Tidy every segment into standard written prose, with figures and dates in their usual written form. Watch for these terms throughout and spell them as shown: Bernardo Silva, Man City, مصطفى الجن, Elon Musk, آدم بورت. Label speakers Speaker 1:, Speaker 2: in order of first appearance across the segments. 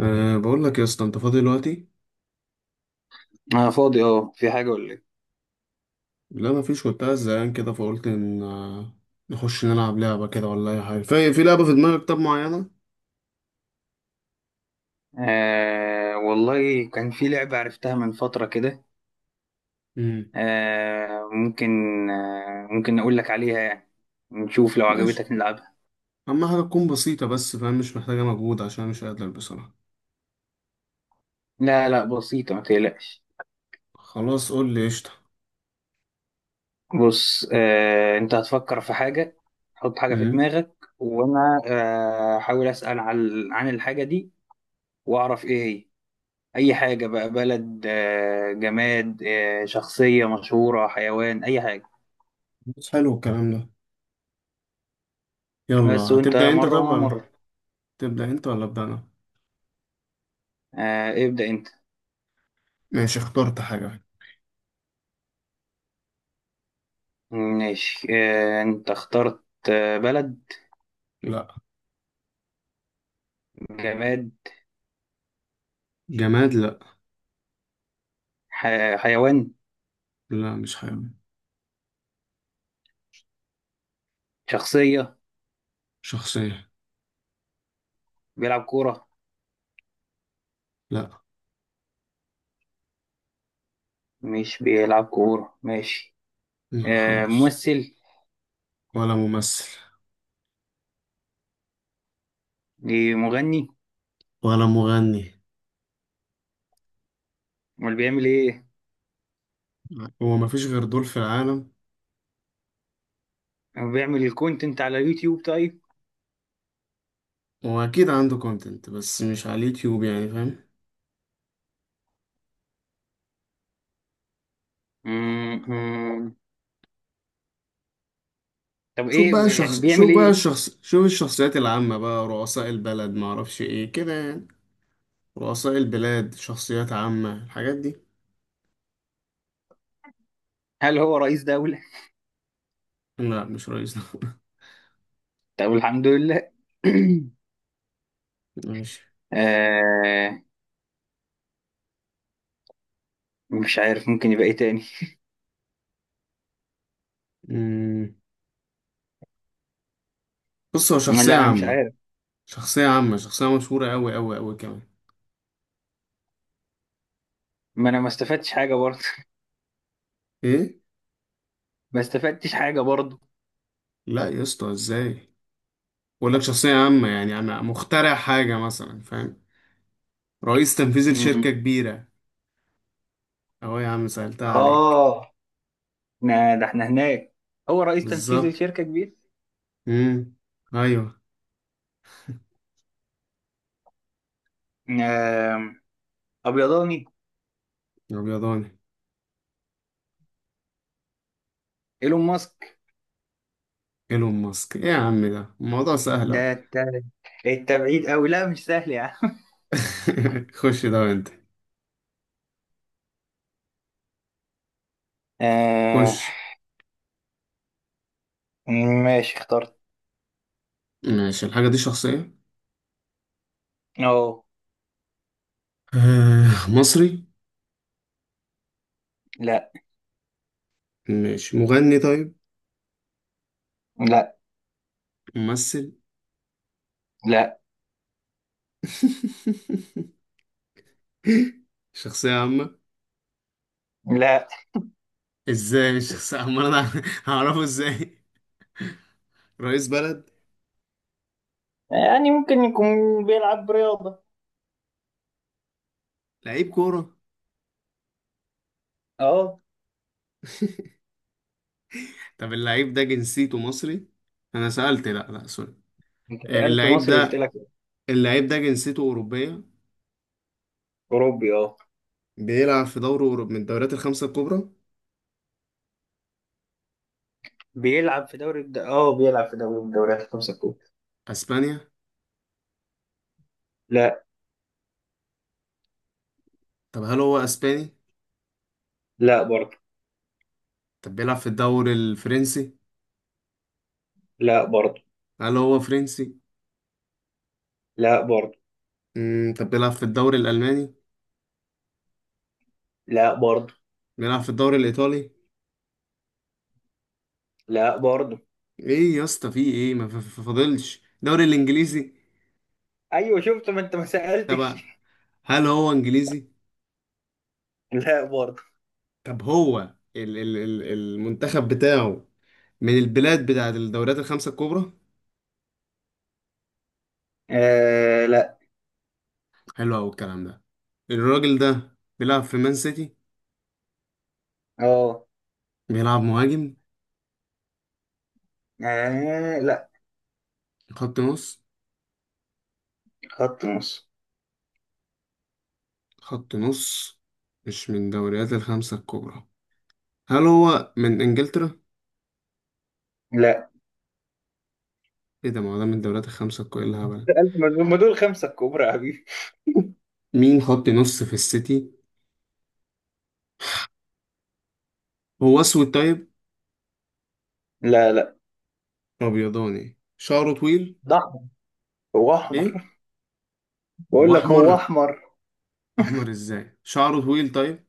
Speaker 1: أه، بقول لك يا اسطى، انت فاضي دلوقتي؟
Speaker 2: أنا فاضي، في حاجة ولا إيه؟
Speaker 1: لا، ما فيش، كنت قاعد زهقان كده فقلت ان نخش نلعب لعبه كده ولا اي حاجه، في لعبه في دماغك طب معينه؟
Speaker 2: آه والله، كان في لعبة عرفتها من فترة كده.
Speaker 1: امم
Speaker 2: آه ممكن. آه ممكن أقول لك عليها، يعني نشوف لو
Speaker 1: ماشي.
Speaker 2: عجبتك نلعبها.
Speaker 1: اهم حاجه تكون بسيطه بس، فاهم؟ مش محتاجه مجهود عشان أنا مش قادر بصراحه.
Speaker 2: لا، لا، بسيطة، ما تقلقش.
Speaker 1: خلاص قول لي، قشطه.
Speaker 2: بص، أنت هتفكر في حاجة، حط حاجة في
Speaker 1: امم
Speaker 2: دماغك وأنا هحاول أسأل عن الحاجة دي وأعرف إيه هي. أي حاجة بقى، بلد، جماد، شخصية مشهورة، حيوان، أي حاجة.
Speaker 1: بس حلو الكلام ده. يلا،
Speaker 2: بس وأنت
Speaker 1: هتبدا انت
Speaker 2: مرة
Speaker 1: طب
Speaker 2: وأنا
Speaker 1: ولا
Speaker 2: مرة.
Speaker 1: تبدا انت ولا ابدا انا؟
Speaker 2: آه، ابدأ أنت.
Speaker 1: ماشي، اخترت حاجه.
Speaker 2: ماشي، انت اخترت. بلد؟
Speaker 1: لا.
Speaker 2: جماد؟
Speaker 1: جماد؟ لا.
Speaker 2: حيوان؟
Speaker 1: لا، مش حاجه.
Speaker 2: شخصية؟
Speaker 1: شخصيه.
Speaker 2: بيلعب كورة؟
Speaker 1: لا.
Speaker 2: مش بيلعب كورة، ماشي.
Speaker 1: لا خالص.
Speaker 2: ممثل؟
Speaker 1: ولا ممثل.
Speaker 2: إيه، مغني؟
Speaker 1: ولا مغني.
Speaker 2: امال بيعمل ايه؟
Speaker 1: هو مفيش غير دول في العالم؟
Speaker 2: بيعمل الكونتنت على يوتيوب؟ طيب.
Speaker 1: واكيد عنده كونتنت بس مش على اليوتيوب، يعني فاهم.
Speaker 2: مم، مم. طب ايه يعني، بيعمل
Speaker 1: شوف بقى
Speaker 2: ايه؟
Speaker 1: الشخص، شوف الشخصيات العامة بقى، رؤساء البلد، معرفش ايه كده يعني، رؤساء البلاد، شخصيات عامة، الحاجات دي.
Speaker 2: هل هو رئيس دولة؟
Speaker 1: لا مش رئيس
Speaker 2: طب الحمد لله.
Speaker 1: ماشي.
Speaker 2: آه، مش عارف ممكن يبقى ايه تاني.
Speaker 1: أمم، بص هو شخصية
Speaker 2: لا، انا مش
Speaker 1: عامة،
Speaker 2: عارف.
Speaker 1: شخصية عامة، شخصية مشهورة أوي أوي أوي كمان.
Speaker 2: ما انا ما استفدتش حاجة برضه.
Speaker 1: ايه؟
Speaker 2: ما استفدتش حاجة
Speaker 1: لا يا اسطى، ازاي؟ بقول لك شخصية عامة يعني مخترع حاجة مثلا، فاهم؟ رئيس تنفيذي لشركة
Speaker 2: برضه.
Speaker 1: كبيرة. اهو يا عم، سألتها عليك.
Speaker 2: آه، ده احنا هناك. هو رئيس تنفيذي
Speaker 1: بالظبط.
Speaker 2: لشركة كبيرة.
Speaker 1: امم. ايوه.
Speaker 2: آم، أبيضاني.
Speaker 1: الابيضاني.
Speaker 2: إيلون ماسك.
Speaker 1: ايلون ماسك. ايه يا عم، ده الموضوع سهل اهو.
Speaker 2: ده انت، انت بعيد أوي، لا مش سهل يا عم.
Speaker 1: خش ده وانت. خش.
Speaker 2: آه، ماشي اخترت.
Speaker 1: ماشي الحاجة دي شخصية.
Speaker 2: أه.
Speaker 1: مصري؟
Speaker 2: لا،
Speaker 1: ماشي. مغني طيب؟
Speaker 2: لا،
Speaker 1: ممثل؟
Speaker 2: لا،
Speaker 1: شخصية عامة؟
Speaker 2: لا.
Speaker 1: ازاي مش شخصية عامة؟ انا هعرفه ازاي؟ رئيس بلد؟
Speaker 2: يعني ممكن يكون بيلعب رياضة.
Speaker 1: لعيب كورة.
Speaker 2: أه.
Speaker 1: طب اللعيب ده جنسيته مصري؟ انا سألت، لا لا، سوري.
Speaker 2: أنت سألت
Speaker 1: اللعيب
Speaker 2: مصري، قلت
Speaker 1: ده،
Speaker 2: لك.
Speaker 1: اللعيب ده جنسيته أوروبية.
Speaker 2: أوروبي، أه.
Speaker 1: بيلعب في دوري أوروبي من الدوريات الخمسة الكبرى.
Speaker 2: بيلعب في دوري من الدوريات الخمسة الكبرى.
Speaker 1: أسبانيا؟
Speaker 2: لا.
Speaker 1: طب هل هو أسباني؟
Speaker 2: لا برضه.
Speaker 1: طب بيلعب في الدوري الفرنسي؟
Speaker 2: لا برضه.
Speaker 1: هل هو فرنسي؟
Speaker 2: لا برضه.
Speaker 1: طب بيلعب في الدوري الألماني؟
Speaker 2: لا برضه.
Speaker 1: بيلعب في الدوري الإيطالي؟
Speaker 2: لا برضه.
Speaker 1: إيه يا اسطى، في إيه؟ ما فاضلش الدوري الإنجليزي؟
Speaker 2: ايوه شفت، ما انت ما سالتش.
Speaker 1: طب هل هو إنجليزي؟
Speaker 2: لا برضه.
Speaker 1: طب هو ال المنتخب بتاعه من البلاد بتاعت الدوريات الخمسة الكبرى؟
Speaker 2: آه، لا.
Speaker 1: حلو أوي الكلام ده. الراجل ده بيلعب في مان سيتي؟
Speaker 2: اه.
Speaker 1: بيلعب مهاجم؟
Speaker 2: آه، لا.
Speaker 1: خط نص؟
Speaker 2: خط نص.
Speaker 1: خط نص. مش من الدوريات الخمسة الكبرى؟ هل هو من إنجلترا؟
Speaker 2: لا،
Speaker 1: إيه ده، ما هو ده من الدوريات الخمسة الكبرى، إيه الهبل؟
Speaker 2: ألف مجنون، ما دول خمسة الكبرى يا حبيبي.
Speaker 1: مين خط نص في السيتي؟ هو أسود طيب؟
Speaker 2: لا، لا.
Speaker 1: أبيضاني، شعره طويل؟
Speaker 2: ده أحمر. هو أحمر.
Speaker 1: إيه؟ هو
Speaker 2: بقول لك هو
Speaker 1: أحمر؟
Speaker 2: أحمر.
Speaker 1: أحمر إزاي؟ شعره طويل طيب؟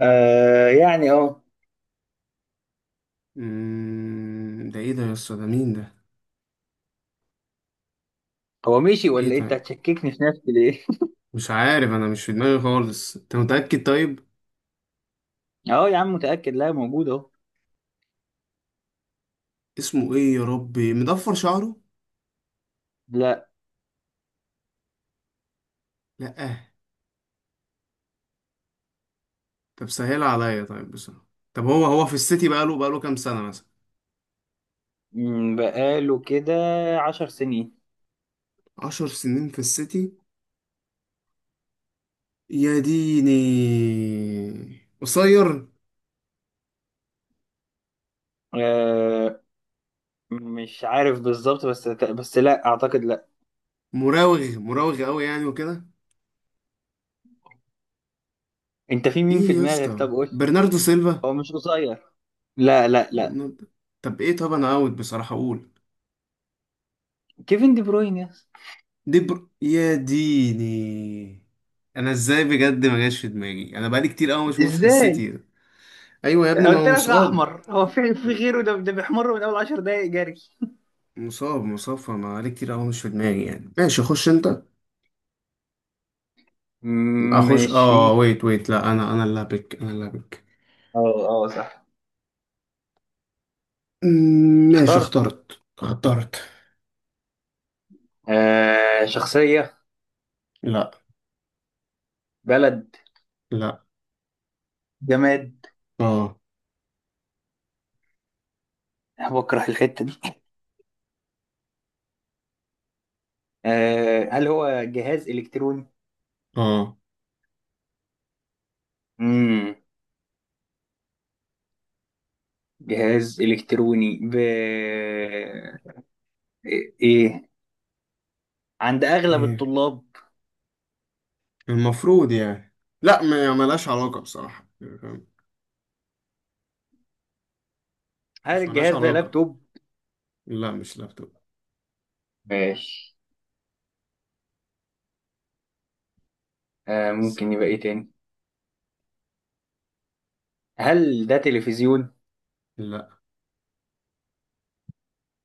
Speaker 2: آه يعني، اه.
Speaker 1: ده إيه ده يا اسطى، ده مين ده؟
Speaker 2: هو مشي
Speaker 1: إيه
Speaker 2: ولا إيه؟ أنت
Speaker 1: طيب؟
Speaker 2: هتشككني في نفسي ليه؟
Speaker 1: مش عارف، أنا مش في دماغي خالص، أنت متأكد طيب؟
Speaker 2: أه يا عم، متأكد، لا موجود أهو.
Speaker 1: اسمه إيه يا ربي؟ مضفر شعره؟
Speaker 2: لا.
Speaker 1: لأ. طب سهل عليا طيب بصراحة. طب هو، هو في السيتي بقاله كام سنة مثلا؟
Speaker 2: بقاله كده عشر سنين.
Speaker 1: 10 سنين في السيتي؟ يا ديني. قصير.
Speaker 2: آه، مش عارف بالظبط، بس لا أعتقد، لا.
Speaker 1: مراوغ مراوغ قوي يعني وكده.
Speaker 2: أنت في مين
Speaker 1: ايه
Speaker 2: في
Speaker 1: يا
Speaker 2: دماغك؟
Speaker 1: اسطى،
Speaker 2: طب قول.
Speaker 1: برناردو سيلفا؟
Speaker 2: هو مش قصير. لا، لا، لا.
Speaker 1: برناردو. طب ايه، طب انا اوت بصراحة اقول.
Speaker 2: كيفن دي بروين يا اسطى.
Speaker 1: يا ديني. انا ازاي بجد؟ ما جاش في دماغي انا، بقالي كتير قوي مش في
Speaker 2: ازاي؟
Speaker 1: السيتي. ايوه يا ابني، ما
Speaker 2: قلت
Speaker 1: هو
Speaker 2: لك
Speaker 1: مصاب.
Speaker 2: احمر، هو في غيره، ده بيحمر من اول 10 دقايق جري.
Speaker 1: مصاب مصاب، فما بقالي كتير قوي مش في دماغي يعني. ماشي، اخش انت. اخش. اه.
Speaker 2: ماشي.
Speaker 1: ويت ويت. لا انا اللي هبك، انا اللي هبك.
Speaker 2: اه، اه، صح.
Speaker 1: مم، ماشي،
Speaker 2: اخترت.
Speaker 1: اخترت.
Speaker 2: آه، شخصية.
Speaker 1: لا.
Speaker 2: بلد.
Speaker 1: لا.
Speaker 2: جماد.
Speaker 1: اه.
Speaker 2: أنا بكره الحتة دي. آه، هل هو جهاز إلكتروني؟
Speaker 1: اه.
Speaker 2: مم. جهاز إلكتروني، إيه عند أغلب
Speaker 1: ايه
Speaker 2: الطلاب.
Speaker 1: المفروض يعني؟ لا، ما ملهاش علاقة بصراحة.
Speaker 2: هل
Speaker 1: مش ملهاش
Speaker 2: الجهاز ده
Speaker 1: علاقة.
Speaker 2: لابتوب؟
Speaker 1: لا مش لابتوب.
Speaker 2: ماشي. آه، ممكن يبقى إيه تاني؟ هل ده تلفزيون؟
Speaker 1: لا.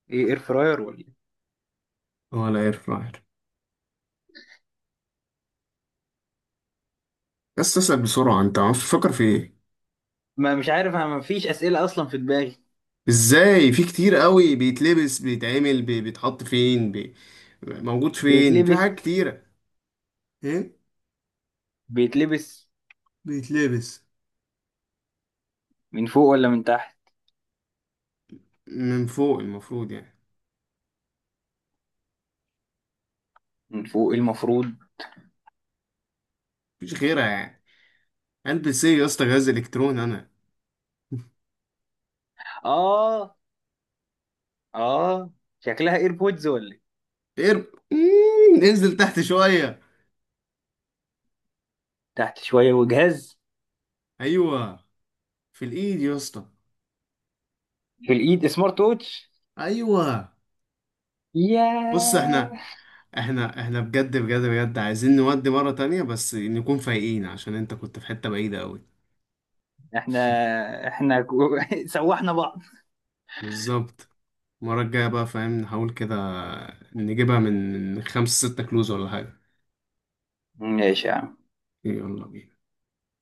Speaker 2: إيه، إير فراير ولا؟
Speaker 1: ولا اير فراير. بس اسأل بسرعة، انت عارف تفكر في ايه؟
Speaker 2: ما مش عارف انا، ما فيش اسئله اصلا في دماغي.
Speaker 1: ازاي، في كتير قوي، بيتلبس، بيتعمل، بيتحط فين، موجود فين، في حاجات
Speaker 2: بيتلبس.
Speaker 1: كتيرة. ايه.
Speaker 2: بيتلبس.
Speaker 1: بيتلبس.
Speaker 2: من فوق ولا من تحت؟
Speaker 1: من فوق المفروض يعني.
Speaker 2: من فوق، إيه المفروض.
Speaker 1: مفيش غيرها يعني. البس ايه يا اسطى، جهاز الكترون انا.
Speaker 2: اه، اه. شكلها ايربودز ولا إيه؟
Speaker 1: اير، انزل تحت شوية.
Speaker 2: تحت شويه، وجهاز.
Speaker 1: ايوه. في الايد يا اسطى.
Speaker 2: في الايد، سمارت ووتش.
Speaker 1: ايوه. بص
Speaker 2: ياه.
Speaker 1: احنا، احنا بجد بجد بجد عايزين نودي مرة تانية بس نكون فايقين عشان انت كنت في حتة بعيدة قوي.
Speaker 2: احنا احنا سوحنا بعض.
Speaker 1: بالظبط. المرة الجاية بقى فاهم، نحاول كده نجيبها من 5 6 كلوز ولا حاجة.
Speaker 2: ماشي يا عم.
Speaker 1: يلا بينا.